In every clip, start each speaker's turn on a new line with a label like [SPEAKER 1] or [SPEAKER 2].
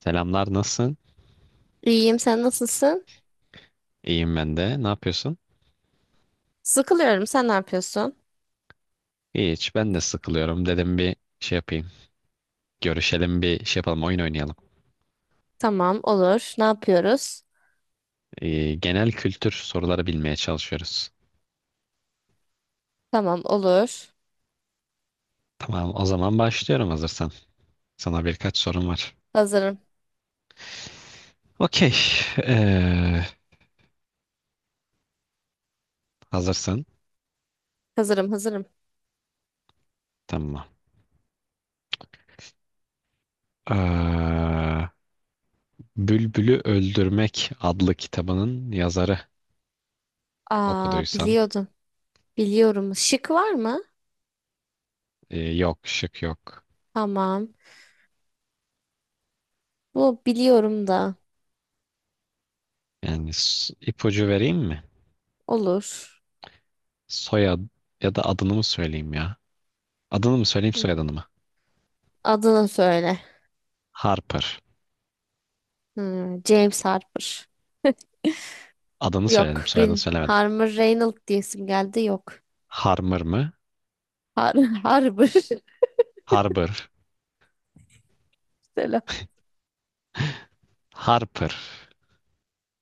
[SPEAKER 1] Selamlar, nasılsın?
[SPEAKER 2] İyiyim, sen nasılsın?
[SPEAKER 1] İyiyim ben de. Ne yapıyorsun?
[SPEAKER 2] Sıkılıyorum, sen ne yapıyorsun?
[SPEAKER 1] Hiç, ben de sıkılıyorum. Dedim bir şey yapayım. Görüşelim, bir şey yapalım, oyun oynayalım.
[SPEAKER 2] Tamam, olur. Ne yapıyoruz?
[SPEAKER 1] Genel kültür soruları bilmeye çalışıyoruz.
[SPEAKER 2] Tamam, olur.
[SPEAKER 1] Tamam, o zaman başlıyorum hazırsan. Sana birkaç sorum var.
[SPEAKER 2] Hazırım,
[SPEAKER 1] Okey. Ee, hazırsın.
[SPEAKER 2] hazırım, hazırım.
[SPEAKER 1] Tamam. Ee, Bülbül'ü Öldürmek adlı kitabının yazarı
[SPEAKER 2] Aa,
[SPEAKER 1] okuduysan.
[SPEAKER 2] biliyordum. Biliyorum. Şık var mı?
[SPEAKER 1] Yok, şık yok.
[SPEAKER 2] Tamam. Bu biliyorum da.
[SPEAKER 1] Yani ipucu vereyim mi?
[SPEAKER 2] Olur.
[SPEAKER 1] Soyad ya da adını mı söyleyeyim ya? Adını mı söyleyeyim soyadını mı?
[SPEAKER 2] Adını söyle.
[SPEAKER 1] Harper.
[SPEAKER 2] Hmm, James Harper.
[SPEAKER 1] Adını söyledim
[SPEAKER 2] Yok,
[SPEAKER 1] soyadını
[SPEAKER 2] bin
[SPEAKER 1] söylemedim.
[SPEAKER 2] Harmer Reynolds diyesim geldi. Yok.
[SPEAKER 1] Harmer mı?
[SPEAKER 2] Har Harper.
[SPEAKER 1] Harper.
[SPEAKER 2] Selam.
[SPEAKER 1] Harper.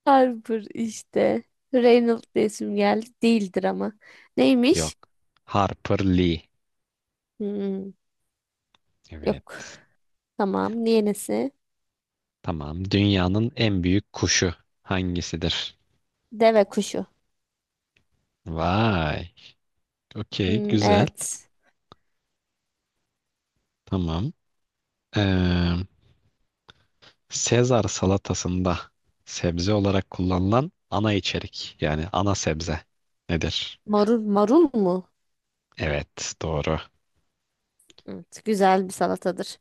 [SPEAKER 2] Harper işte. Reynolds diyesim geldi. Değildir ama. Neymiş?
[SPEAKER 1] Yok. Harper Lee.
[SPEAKER 2] Hmm. Yok.
[SPEAKER 1] Evet.
[SPEAKER 2] Tamam. Yenisi.
[SPEAKER 1] Tamam. Dünyanın en büyük kuşu hangisidir?
[SPEAKER 2] Deve kuşu.
[SPEAKER 1] Vay. Okey.
[SPEAKER 2] Hmm,
[SPEAKER 1] Güzel.
[SPEAKER 2] evet.
[SPEAKER 1] Tamam. Ee, Sezar salatasında sebze olarak kullanılan ana içerik. Yani ana sebze nedir?
[SPEAKER 2] Marul, marul mu?
[SPEAKER 1] Evet. Doğru.
[SPEAKER 2] Evet, güzel bir salatadır.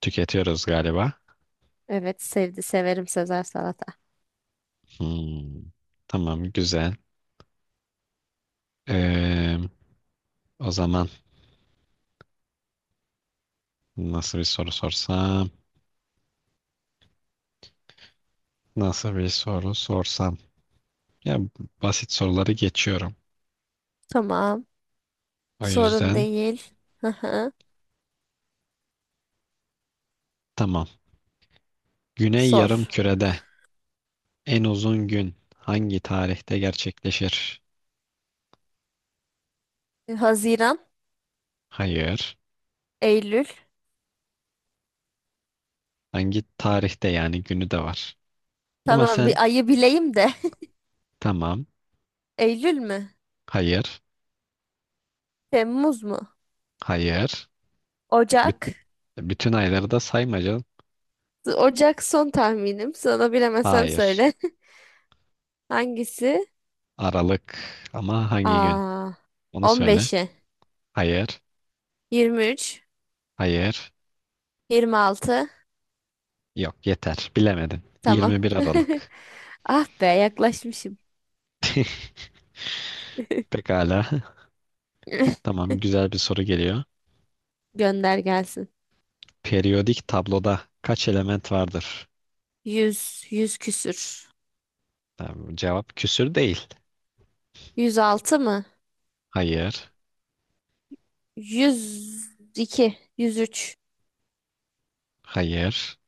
[SPEAKER 1] Tüketiyoruz galiba.
[SPEAKER 2] Evet, severim Sezar salata.
[SPEAKER 1] Hmm. Tamam. Güzel. Ee, O zaman nasıl bir soru sorsam? Nasıl bir soru sorsam? Ya basit soruları geçiyorum.
[SPEAKER 2] Tamam.
[SPEAKER 1] O
[SPEAKER 2] Sorun
[SPEAKER 1] yüzden
[SPEAKER 2] değil. Hı hı.
[SPEAKER 1] tamam. Güney
[SPEAKER 2] Sor.
[SPEAKER 1] Yarımküre'de en uzun gün hangi tarihte gerçekleşir?
[SPEAKER 2] Haziran,
[SPEAKER 1] Hayır.
[SPEAKER 2] Eylül.
[SPEAKER 1] Hangi tarihte yani günü de var. Ama
[SPEAKER 2] Tamam,
[SPEAKER 1] sen
[SPEAKER 2] bir ayı bileyim de.
[SPEAKER 1] tamam.
[SPEAKER 2] Eylül mü?
[SPEAKER 1] Hayır.
[SPEAKER 2] Temmuz mu?
[SPEAKER 1] Hayır. Büt-
[SPEAKER 2] Ocak.
[SPEAKER 1] bütün ayları da sayma canım.
[SPEAKER 2] Ocak son tahminim. Sana bilemezsem
[SPEAKER 1] Hayır.
[SPEAKER 2] söyle. Hangisi?
[SPEAKER 1] Aralık ama hangi gün?
[SPEAKER 2] Aa,
[SPEAKER 1] Onu söyle.
[SPEAKER 2] 15'i,
[SPEAKER 1] Hayır.
[SPEAKER 2] 23,
[SPEAKER 1] Hayır.
[SPEAKER 2] 26.
[SPEAKER 1] Yok yeter. Bilemedin.
[SPEAKER 2] Tamam.
[SPEAKER 1] 21 Aralık.
[SPEAKER 2] Ah be yaklaşmışım.
[SPEAKER 1] Pekala. Tamam, güzel bir soru geliyor.
[SPEAKER 2] Gönder gelsin.
[SPEAKER 1] Periyodik tabloda kaç element vardır?
[SPEAKER 2] 100 100 küsür.
[SPEAKER 1] Tamam, cevap küsür değil.
[SPEAKER 2] 106 mı?
[SPEAKER 1] Hayır,
[SPEAKER 2] 102, 103.
[SPEAKER 1] hayır,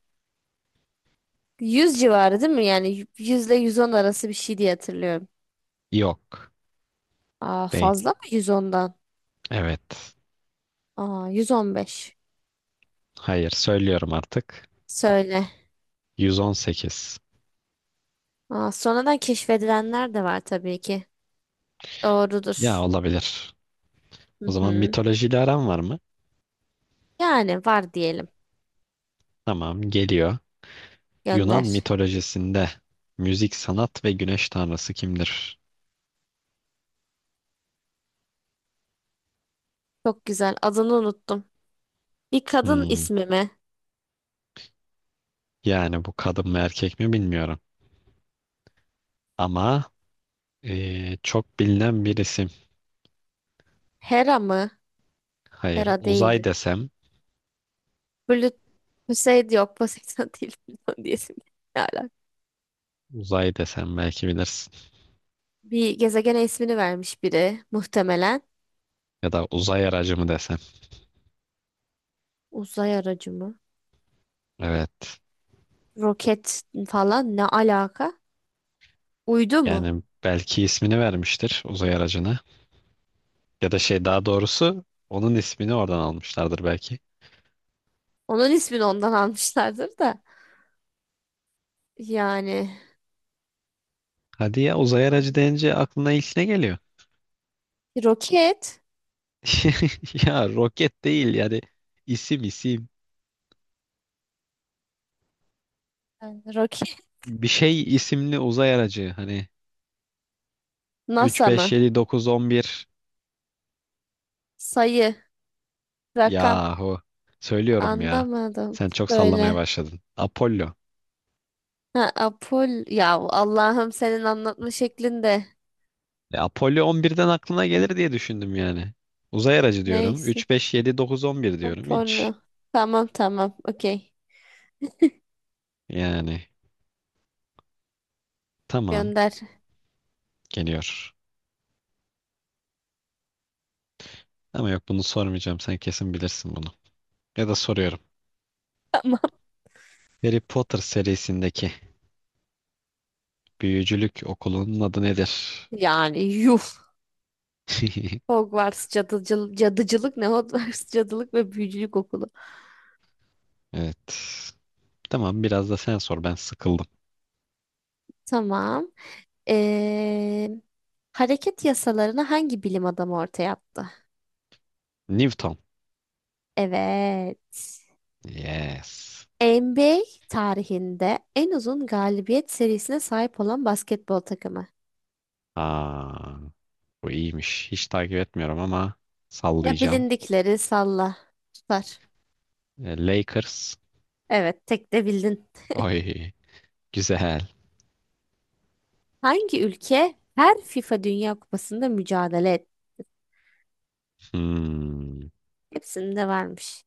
[SPEAKER 2] Yüz civarı değil mi? Yani 100 ile 110 arası bir şey diye hatırlıyorum.
[SPEAKER 1] yok.
[SPEAKER 2] Aa,
[SPEAKER 1] Değil.
[SPEAKER 2] fazla mı 110'dan?
[SPEAKER 1] Evet.
[SPEAKER 2] Aa, 115.
[SPEAKER 1] Hayır, söylüyorum artık.
[SPEAKER 2] Söyle.
[SPEAKER 1] 118.
[SPEAKER 2] Aa, sonradan keşfedilenler de var tabii ki.
[SPEAKER 1] Ya
[SPEAKER 2] Doğrudur.
[SPEAKER 1] olabilir. O
[SPEAKER 2] Hı
[SPEAKER 1] zaman
[SPEAKER 2] hı.
[SPEAKER 1] mitolojiyle aran var mı?
[SPEAKER 2] Yani var diyelim.
[SPEAKER 1] Tamam, geliyor. Yunan
[SPEAKER 2] Gönder.
[SPEAKER 1] mitolojisinde müzik, sanat ve güneş tanrısı kimdir?
[SPEAKER 2] Çok güzel. Adını unuttum. Bir kadın
[SPEAKER 1] Hmm,
[SPEAKER 2] ismi mi?
[SPEAKER 1] Yani bu kadın mı erkek mi bilmiyorum. Ama çok bilinen birisi.
[SPEAKER 2] Hera mı?
[SPEAKER 1] Hayır,
[SPEAKER 2] Hera
[SPEAKER 1] uzay
[SPEAKER 2] değildi.
[SPEAKER 1] desem,
[SPEAKER 2] Böyle Hüseyin yok Poseidon değil bilmem diyesim geldi. Ne alaka?
[SPEAKER 1] uzay desem belki bilirsin.
[SPEAKER 2] Bir gezegene ismini vermiş biri muhtemelen.
[SPEAKER 1] Ya da uzay aracı mı desem.
[SPEAKER 2] Uzay aracı mı?
[SPEAKER 1] Evet.
[SPEAKER 2] Roket falan ne alaka? Uydu mu?
[SPEAKER 1] Yani belki ismini vermiştir uzay aracına. Ya da şey daha doğrusu onun ismini oradan almışlardır belki.
[SPEAKER 2] Onun ismini ondan almışlardır da. Yani
[SPEAKER 1] Hadi ya uzay aracı deyince aklına ilk ne geliyor?
[SPEAKER 2] roket,
[SPEAKER 1] Ya roket değil yani isim isim.
[SPEAKER 2] yani roket,
[SPEAKER 1] Bir şey isimli uzay aracı hani 3
[SPEAKER 2] NASA
[SPEAKER 1] 5
[SPEAKER 2] mı?
[SPEAKER 1] 7 9 11
[SPEAKER 2] Sayı, rakam
[SPEAKER 1] yahu söylüyorum ya.
[SPEAKER 2] anlamadım.
[SPEAKER 1] Sen çok sallamaya
[SPEAKER 2] Söyle.
[SPEAKER 1] başladın. Apollo.
[SPEAKER 2] Ha, Apol ya Allah'ım senin anlatma şeklinde.
[SPEAKER 1] Apollo 11'den aklına gelir diye düşündüm yani. Uzay aracı diyorum.
[SPEAKER 2] Neyse.
[SPEAKER 1] 3, 5, 7, 9, 11 diyorum. Hiç.
[SPEAKER 2] Sonra. Tamam tamam. Okey.
[SPEAKER 1] Yani tamam
[SPEAKER 2] Gönder.
[SPEAKER 1] geliyor. Ama yok bunu sormayacağım. Sen kesin bilirsin bunu. Ya da soruyorum.
[SPEAKER 2] Tamam.
[SPEAKER 1] Harry Potter serisindeki büyücülük okulunun adı nedir?
[SPEAKER 2] Yani yuf. Hogwarts cadıcılık, cadıcılık ne? Hogwarts cadılık ve büyücülük okulu.
[SPEAKER 1] Evet. Tamam biraz da sen sor. Ben sıkıldım.
[SPEAKER 2] Tamam. Ee, hareket yasalarını hangi bilim adamı ortaya attı?
[SPEAKER 1] Newton.
[SPEAKER 2] Evet.
[SPEAKER 1] Yes.
[SPEAKER 2] NBA tarihinde en uzun galibiyet serisine sahip olan basketbol takımı.
[SPEAKER 1] Aa, bu iyiymiş. Hiç takip etmiyorum ama
[SPEAKER 2] Ya
[SPEAKER 1] sallayacağım.
[SPEAKER 2] bilindikleri salla. Süper.
[SPEAKER 1] Lakers.
[SPEAKER 2] Evet, tek de bildin.
[SPEAKER 1] Oy. Güzel.
[SPEAKER 2] Hangi ülke her FIFA Dünya Kupası'nda mücadele etti?
[SPEAKER 1] Hmm.
[SPEAKER 2] Hepsinde varmış.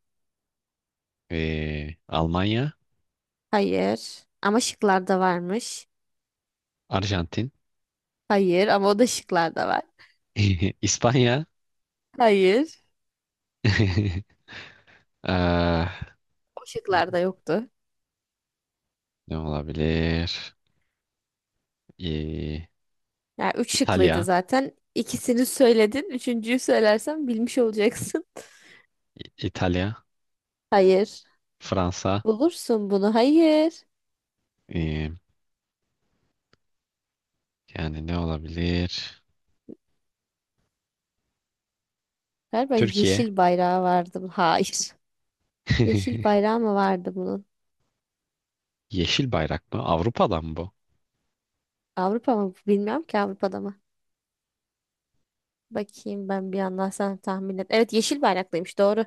[SPEAKER 1] Almanya,
[SPEAKER 2] Hayır. Ama şıklarda varmış.
[SPEAKER 1] Arjantin,
[SPEAKER 2] Hayır ama o da şıklarda var.
[SPEAKER 1] İspanya,
[SPEAKER 2] Hayır.
[SPEAKER 1] Ah,
[SPEAKER 2] O şıklarda yoktu.
[SPEAKER 1] ne olabilir? Ee,
[SPEAKER 2] Yani üç şıklıydı
[SPEAKER 1] İtalya,
[SPEAKER 2] zaten. İkisini söyledin. Üçüncüyü söylersen bilmiş olacaksın.
[SPEAKER 1] İtalya,
[SPEAKER 2] Hayır.
[SPEAKER 1] Fransa,
[SPEAKER 2] Bulursun bunu. Hayır.
[SPEAKER 1] ee, yani ne olabilir?
[SPEAKER 2] Galiba
[SPEAKER 1] Türkiye.
[SPEAKER 2] yeşil bayrağı vardı. Hayır. Yeşil bayrağı mı vardı bunun?
[SPEAKER 1] Yeşil bayrak mı? Avrupa'dan mı bu?
[SPEAKER 2] Avrupa mı? Bilmiyorum ki Avrupa'da mı? Bakayım ben bir yandan sen tahmin et. Evet yeşil bayraklıymış doğru.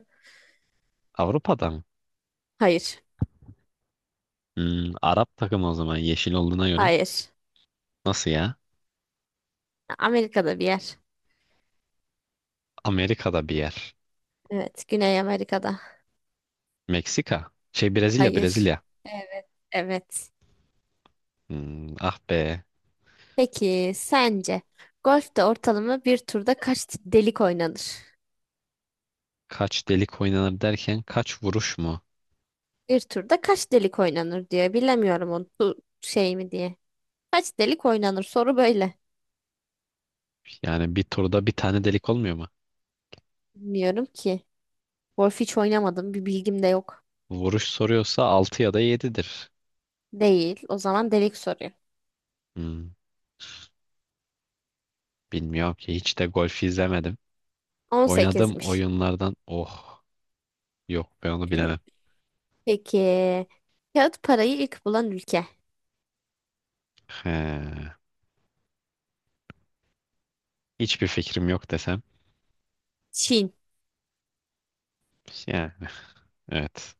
[SPEAKER 1] Avrupa'dan mı?
[SPEAKER 2] Hayır.
[SPEAKER 1] Arap takımı o zaman yeşil olduğuna göre.
[SPEAKER 2] Hayır.
[SPEAKER 1] Nasıl ya?
[SPEAKER 2] Amerika'da bir yer.
[SPEAKER 1] Amerika'da bir yer.
[SPEAKER 2] Evet. Güney Amerika'da.
[SPEAKER 1] Meksika. Brezilya,
[SPEAKER 2] Hayır.
[SPEAKER 1] Brezilya.
[SPEAKER 2] Evet. Evet.
[SPEAKER 1] Hmm, ah be.
[SPEAKER 2] Peki sence golfte ortalama bir turda kaç delik oynanır?
[SPEAKER 1] Kaç delik oynanır derken kaç vuruş mu?
[SPEAKER 2] Bir turda kaç delik oynanır diye bilemiyorum onu şey mi diye. Kaç delik oynanır soru böyle.
[SPEAKER 1] Yani bir turda bir tane delik olmuyor mu?
[SPEAKER 2] Bilmiyorum ki. Golf hiç oynamadım bir bilgim de yok.
[SPEAKER 1] Vuruş soruyorsa 6 ya da yedidir.
[SPEAKER 2] Değil. O zaman delik soruyor.
[SPEAKER 1] Hmm, bilmiyorum ki hiç de golf izlemedim. Oynadığım
[SPEAKER 2] 18'miş.
[SPEAKER 1] oyunlardan oh yok ben onu bilemem.
[SPEAKER 2] Peki kağıt parayı ilk bulan ülke.
[SPEAKER 1] He, hiçbir fikrim yok desem.
[SPEAKER 2] Çin.
[SPEAKER 1] Yani evet.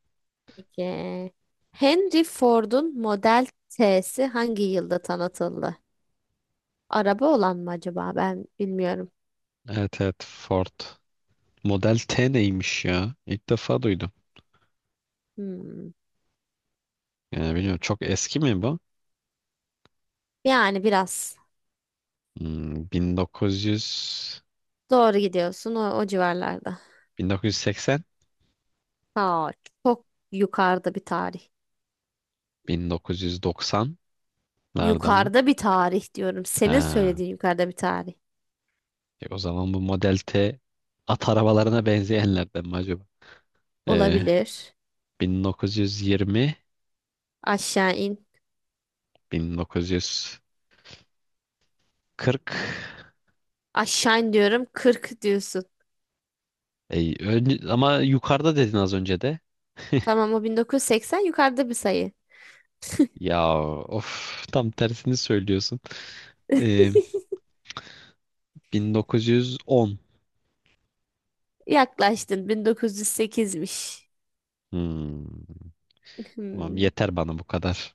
[SPEAKER 2] Peki. Henry Ford'un Model T'si hangi yılda tanıtıldı? Araba olan mı acaba? Ben bilmiyorum.
[SPEAKER 1] Evet evet Ford. Model T neymiş ya? İlk defa duydum.
[SPEAKER 2] Hmm.
[SPEAKER 1] Yani bilmiyorum çok eski mi bu?
[SPEAKER 2] Yani biraz
[SPEAKER 1] 1900
[SPEAKER 2] doğru gidiyorsun o civarlarda.
[SPEAKER 1] 1980
[SPEAKER 2] Ha, çok yukarıda bir tarih.
[SPEAKER 1] 1990'larda mı?
[SPEAKER 2] Yukarıda bir tarih diyorum. Senin
[SPEAKER 1] Ha.
[SPEAKER 2] söylediğin yukarıda bir tarih.
[SPEAKER 1] O zaman bu Model T at arabalarına benzeyenlerden mi acaba? E,
[SPEAKER 2] Olabilir.
[SPEAKER 1] 1920,
[SPEAKER 2] Aşağı in.
[SPEAKER 1] 1940.
[SPEAKER 2] Aşağı in diyorum 40 diyorsun.
[SPEAKER 1] Ama yukarıda dedin az önce de.
[SPEAKER 2] Tamam o 1980 yukarıda bir sayı.
[SPEAKER 1] Ya of tam tersini söylüyorsun. E, 1910.
[SPEAKER 2] Yaklaştın 1908'miş.
[SPEAKER 1] Hmm. Tamam yeter bana bu kadar.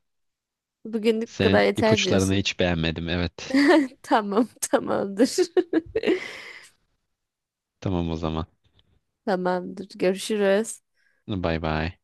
[SPEAKER 2] Bugünlük bu kadar
[SPEAKER 1] Senin
[SPEAKER 2] yeter
[SPEAKER 1] ipuçlarını
[SPEAKER 2] diyorsun.
[SPEAKER 1] hiç beğenmedim. Evet.
[SPEAKER 2] Tamam, tamamdır.
[SPEAKER 1] Tamam o zaman.
[SPEAKER 2] Tamamdır. Görüşürüz.
[SPEAKER 1] Bay bay.